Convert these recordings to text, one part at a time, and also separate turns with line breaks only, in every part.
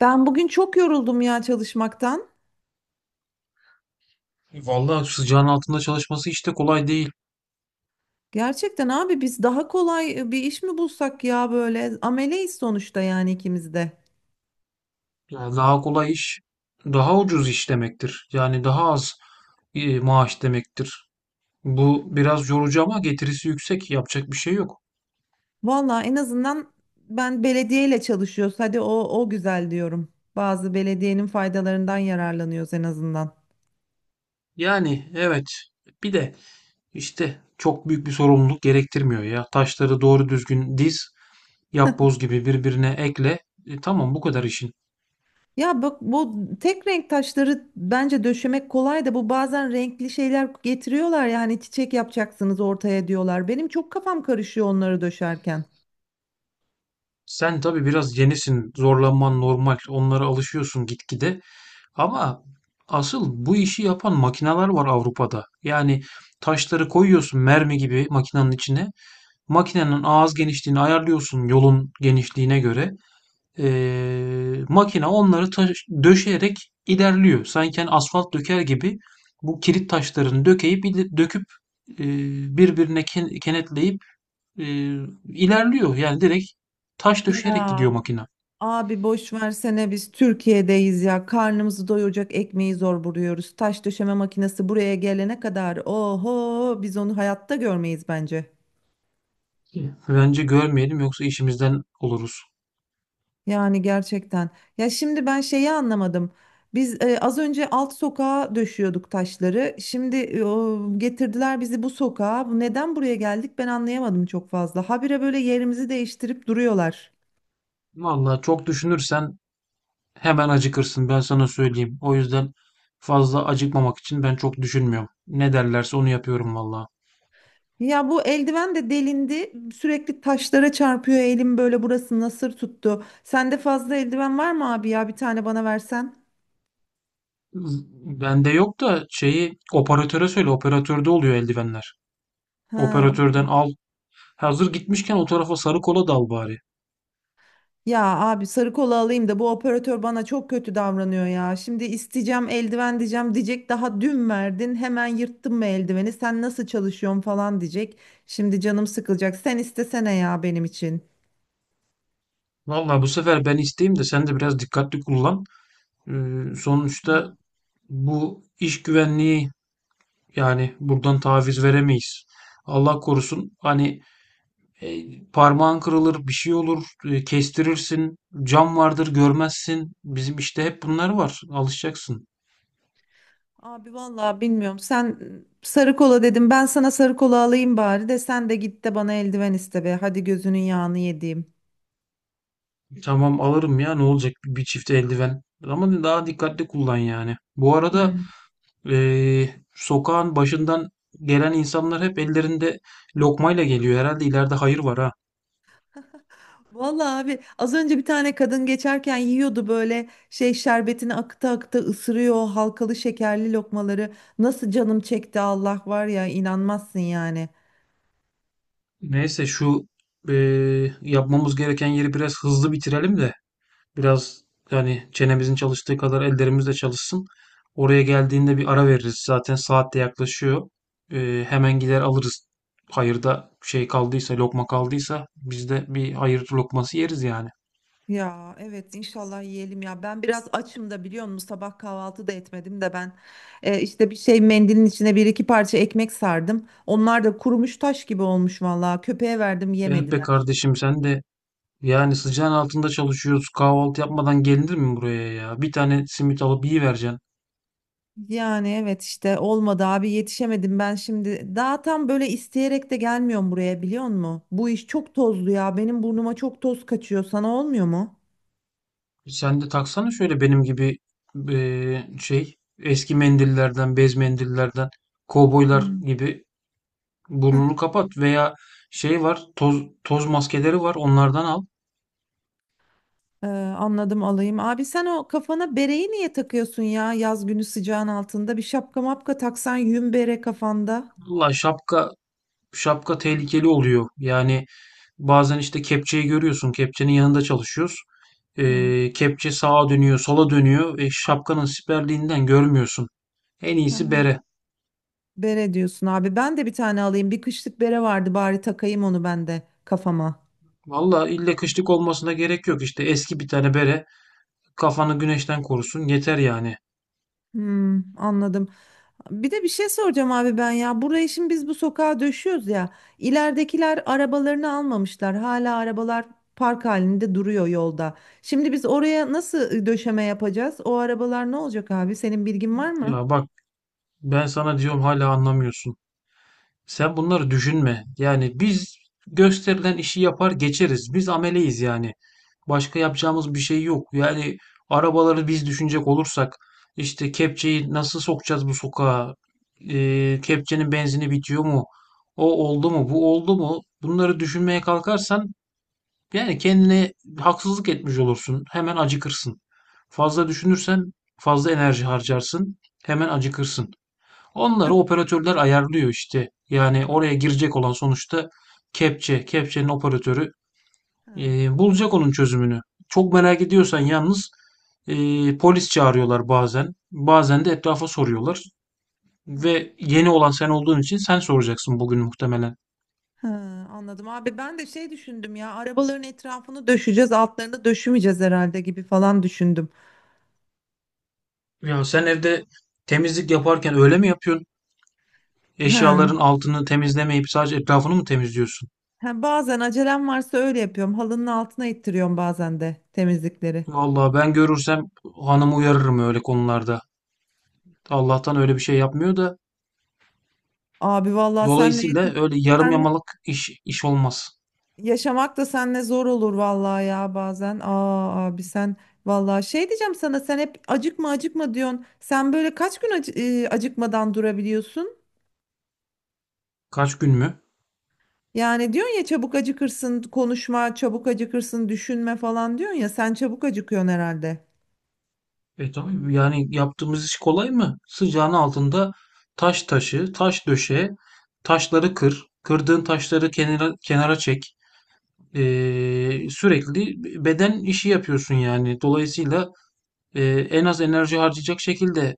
Ben bugün çok yoruldum ya çalışmaktan.
Vallahi sıcağın altında çalışması hiç de kolay değil.
Gerçekten abi biz daha kolay bir iş mi bulsak ya böyle ameleyiz sonuçta yani ikimiz de.
Yani daha kolay iş, daha ucuz iş demektir. Yani daha az maaş demektir. Bu biraz yorucu ama getirisi yüksek. Yapacak bir şey yok.
Valla en azından ben belediyeyle çalışıyoruz. Hadi o güzel diyorum. Bazı belediyenin faydalarından yararlanıyoruz en azından.
Yani evet. Bir de işte çok büyük bir sorumluluk gerektirmiyor ya. Taşları doğru düzgün diz, yapboz gibi birbirine ekle. Tamam bu kadar işin.
Ya bak bu tek renk taşları bence döşemek kolay da bu bazen renkli şeyler getiriyorlar yani çiçek yapacaksınız ortaya diyorlar. Benim çok kafam karışıyor onları döşerken.
Sen tabii biraz yenisin, zorlanman normal, onlara alışıyorsun gitgide. Ama asıl bu işi yapan makineler var Avrupa'da. Yani taşları koyuyorsun mermi gibi makinenin içine. Makinenin ağız genişliğini ayarlıyorsun yolun genişliğine göre. Makine onları döşeyerek ilerliyor. Sanki hani asfalt döker gibi bu kilit taşlarını döküp e, birbirine kenetleyip e, ilerliyor. Yani direkt taş döşeyerek
Ya
gidiyor makine.
abi boş versene biz Türkiye'deyiz ya. Karnımızı doyuracak ekmeği zor buluyoruz. Taş döşeme makinesi buraya gelene kadar oho biz onu hayatta görmeyiz bence.
Bence görmeyelim yoksa işimizden oluruz.
Yani gerçekten. Ya şimdi ben şeyi anlamadım. Biz az önce alt sokağa döşüyorduk taşları. Şimdi getirdiler bizi bu sokağa. Bu neden buraya geldik ben anlayamadım çok fazla. Habire böyle yerimizi değiştirip duruyorlar.
Vallahi çok düşünürsen hemen acıkırsın ben sana söyleyeyim. O yüzden fazla acıkmamak için ben çok düşünmüyorum. Ne derlerse onu yapıyorum vallahi.
Ya bu eldiven de delindi. Sürekli taşlara çarpıyor elim böyle burası nasır tuttu. Sende fazla eldiven var mı abi ya bir tane bana versen.
Z- Bende yok da şeyi operatöre söyle. Operatörde oluyor eldivenler.
Ha.
Operatörden al. Hazır gitmişken o tarafa sarı kola dal bari.
Ya abi sarı kola alayım da bu operatör bana çok kötü davranıyor ya. Şimdi isteyeceğim eldiven diyeceğim diyecek daha dün verdin hemen yırttın mı eldiveni sen nasıl çalışıyorsun falan diyecek. Şimdi canım sıkılacak sen istesene ya benim için.
Vallahi bu sefer ben isteyeyim de sen de biraz dikkatli kullan. Sonuçta bu iş güvenliği, yani buradan taviz veremeyiz. Allah korusun hani e, parmağın kırılır, bir şey olur, kestirirsin, cam vardır görmezsin. Bizim işte hep bunlar var. Alışacaksın.
Abi vallahi bilmiyorum. Sen sarı kola dedim. Ben sana sarı kola alayım bari de sen de git de bana eldiven iste be. Hadi gözünün yağını yediğim.
Tamam alırım ya, ne olacak bir çift eldiven. Ama daha dikkatli kullan yani. Bu arada
Yani.
sokağın başından gelen insanlar hep ellerinde lokmayla geliyor. Herhalde ileride hayır var ha.
Vallahi abi az önce bir tane kadın geçerken yiyordu böyle şey şerbetini akıta akıta ısırıyor o halkalı şekerli lokmaları. Nasıl canım çekti Allah var ya inanmazsın yani.
Neyse şu yapmamız gereken yeri biraz hızlı bitirelim de. Biraz, yani çenemizin çalıştığı kadar ellerimiz de çalışsın. Oraya geldiğinde bir ara veririz. Zaten saat de yaklaşıyor. Hemen gider alırız. Hayırda şey kaldıysa, lokma kaldıysa biz de bir hayır lokması yeriz yani.
Ya evet inşallah yiyelim ya. Ben biraz açım da biliyor musun? Sabah kahvaltı da etmedim de ben işte bir şey mendilin içine bir iki parça ekmek sardım. Onlar da kurumuş taş gibi olmuş vallahi. Köpeğe verdim
Evet be
yemediler.
kardeşim, sen de yani sıcağın altında çalışıyoruz. Kahvaltı yapmadan gelinir mi buraya ya? Bir tane simit alıp iyi vereceksin.
Yani evet işte olmadı abi yetişemedim ben şimdi. Daha tam böyle isteyerek de gelmiyorum buraya biliyor musun? Bu iş çok tozlu ya. Benim burnuma çok toz kaçıyor. Sana olmuyor mu?
Sen de taksana şöyle benim gibi şey eski mendillerden, bez mendillerden, kovboylar
Hmm.
gibi burnunu kapat, veya şey var toz maskeleri var onlardan al.
Ee, Anladım alayım. Abi sen o kafana bereyi niye takıyorsun ya yaz günü sıcağın altında? Bir şapka mapka taksan yün bere kafanda.
Valla şapka tehlikeli oluyor. Yani bazen işte kepçeyi görüyorsun. Kepçenin yanında çalışıyoruz.
Hı.
Kepçe sağa dönüyor, sola dönüyor. E, şapkanın siperliğinden görmüyorsun. En iyisi
Ha,
bere.
bere diyorsun abi. Ben de bir tane alayım. Bir kışlık bere vardı bari takayım onu ben de kafama.
Valla illa kışlık olmasına gerek yok. İşte eski bir tane bere. Kafanı güneşten korusun. Yeter yani.
Hmm, anladım. Bir de bir şey soracağım abi ben ya. Burayı şimdi biz bu sokağa döşüyoruz ya. İleridekiler arabalarını almamışlar. Hala arabalar park halinde duruyor yolda. Şimdi biz oraya nasıl döşeme yapacağız? O arabalar ne olacak abi? Senin bilgin var mı?
Ya bak, ben sana diyorum hala anlamıyorsun. Sen bunları düşünme. Yani biz gösterilen işi yapar geçeriz. Biz ameleyiz yani. Başka yapacağımız bir şey yok. Yani arabaları biz düşünecek olursak, işte kepçeyi nasıl sokacağız bu sokağa? Kepçenin benzini bitiyor mu? O oldu mu? Bu oldu mu? Bunları düşünmeye kalkarsan, yani kendine haksızlık etmiş olursun. Hemen acıkırsın. Fazla düşünürsen fazla enerji harcarsın. Hemen acıkırsın. Onları operatörler ayarlıyor işte. Yani oraya girecek olan sonuçta kepçe, kepçenin operatörü
Ha,
bulacak onun çözümünü. Çok merak ediyorsan yalnız, e, polis çağırıyorlar bazen. Bazen de etrafa soruyorlar.
ha,
Ve yeni olan sen olduğun için sen soracaksın bugün muhtemelen.
ha, anladım abi ben de şey düşündüm ya arabaların etrafını döşeceğiz altlarını döşümeyeceğiz herhalde gibi falan düşündüm.
Ya sen evde temizlik yaparken öyle mi yapıyorsun?
Ha,
Eşyaların altını temizlemeyip sadece etrafını mı temizliyorsun?
ha, bazen acelem varsa öyle yapıyorum halının altına ittiriyorum bazen de temizlikleri.
Vallahi ben görürsem hanımı uyarırım öyle konularda. Allah'tan öyle bir şey yapmıyor da,
Abi vallahi senle,
dolayısıyla öyle yarım
senle
yamalık iş olmaz.
yaşamak da senle zor olur vallahi ya bazen. Aa abi sen vallahi şey diyeceğim sana sen hep acıkma acıkma diyorsun. Sen böyle kaç gün acıkmadan durabiliyorsun?
Kaç gün mü?
Yani diyorsun ya çabuk acıkırsın konuşma, çabuk acıkırsın düşünme falan diyorsun ya sen çabuk acıkıyorsun herhalde.
E tabii, yani yaptığımız iş kolay mı? Sıcağın altında taş taşı, taş döşe, taşları kır, kırdığın taşları kenara kenara çek. E, sürekli beden işi yapıyorsun yani. Dolayısıyla e, en az enerji harcayacak şekilde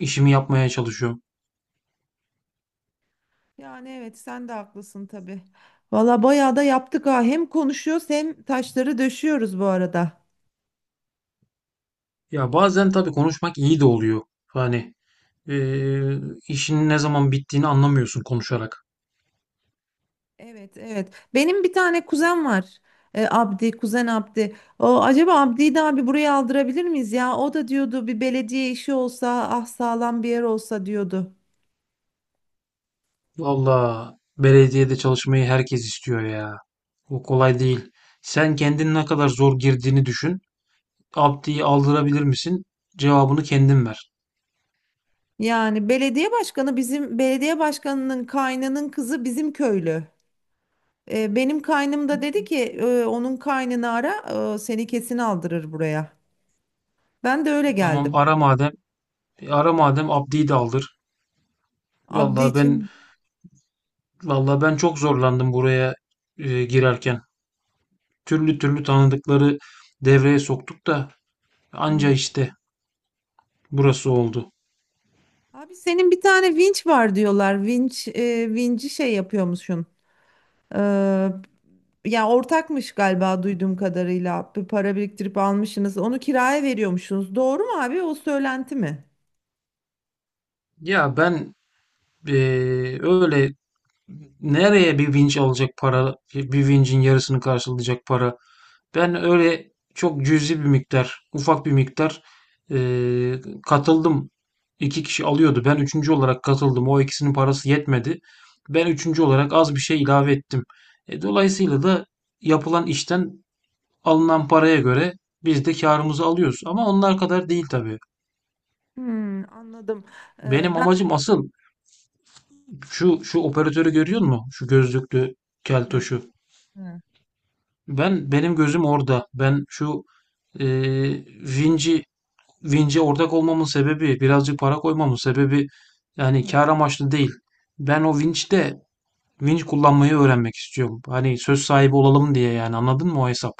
işimi yapmaya çalışıyorum.
Yani evet sen de haklısın tabii. Valla bayağı da yaptık ha. Hem konuşuyoruz hem taşları döşüyoruz bu arada.
Ya bazen tabii konuşmak iyi de oluyor. Hani eee, işin ne zaman bittiğini anlamıyorsun konuşarak.
Evet evet. Benim bir tane kuzen var. Abdi, kuzen Abdi. O, acaba Abdi'yi de abi buraya aldırabilir miyiz ya? O da diyordu bir belediye işi olsa ah sağlam bir yer olsa diyordu.
Valla belediyede çalışmayı herkes istiyor ya. O kolay değil. Sen kendin ne kadar zor girdiğini düşün. Abdi'yi aldırabilir misin? Cevabını kendin ver.
Yani belediye başkanı bizim belediye başkanının kaynının kızı bizim köylü. Benim kaynım da dedi ki Onun kaynını ara seni kesin aldırır buraya. Ben de öyle
Tamam
geldim.
ara madem. E, ara madem Abdi'yi de aldır.
Abdi
Valla ben
için.
Valla ben çok zorlandım buraya girerken. Türlü türlü tanıdıkları devreye soktuk da anca
Hmm.
işte burası oldu.
Abi senin bir tane vinç var diyorlar. Vinç vinci şey yapıyormuşsun. E, Ya ortakmış galiba duyduğum kadarıyla. Bir para biriktirip almışsınız. Onu kiraya veriyormuşsunuz. Doğru mu abi? O söylenti mi?
Ya ben öyle nereye bir vinç alacak para, bir vincin yarısını karşılayacak para. Ben öyle çok cüzi bir miktar, ufak bir miktar eee, katıldım. İki kişi alıyordu. Ben üçüncü olarak katıldım. O ikisinin parası yetmedi. Ben üçüncü olarak az bir şey ilave ettim. E, dolayısıyla da yapılan işten alınan paraya göre biz de karımızı alıyoruz. Ama onlar kadar değil tabii.
Hmm, anladım.
Benim
Ben
amacım asıl, şu şu operatörü görüyor musun? Şu gözlüklü keltoşu. Benim gözüm orada. Ben şu e, Vinci Vinci ortak olmamın sebebi, birazcık para koymamın sebebi, yani kar amaçlı değil. Ben o Vinci'de kullanmayı öğrenmek istiyorum. Hani söz sahibi olalım diye yani, anladın mı o hesap?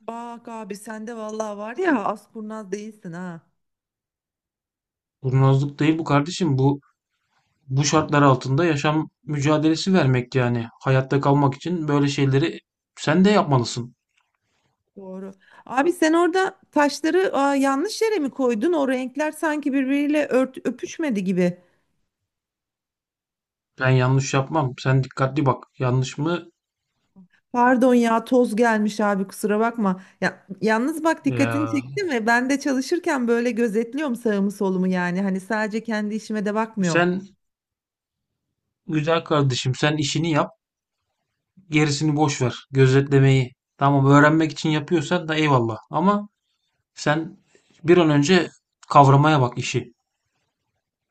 bak abi sende vallahi var ya az kurnaz değilsin ha.
Kurnazlık değil bu kardeşim. Bu şartlar altında yaşam mücadelesi vermek yani. Hayatta kalmak için böyle şeyleri sen de yapmalısın.
Doğru. Abi sen orada taşları aa, yanlış yere mi koydun? O renkler sanki birbiriyle öpüşmedi gibi.
Ben yanlış yapmam. Sen dikkatli bak. Yanlış mı?
Pardon ya toz gelmiş abi kusura bakma. Ya, yalnız bak dikkatini
Ya,
çekti mi? Ben de çalışırken böyle gözetliyorum sağımı solumu yani. Hani sadece kendi işime de bakmıyorum.
sen güzel kardeşim. Sen işini yap. Gerisini boş ver. Gözetlemeyi tamam öğrenmek için yapıyorsan da eyvallah. Ama sen bir an önce kavramaya bak işi.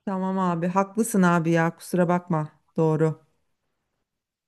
Tamam abi haklısın abi ya kusura bakma. Doğru.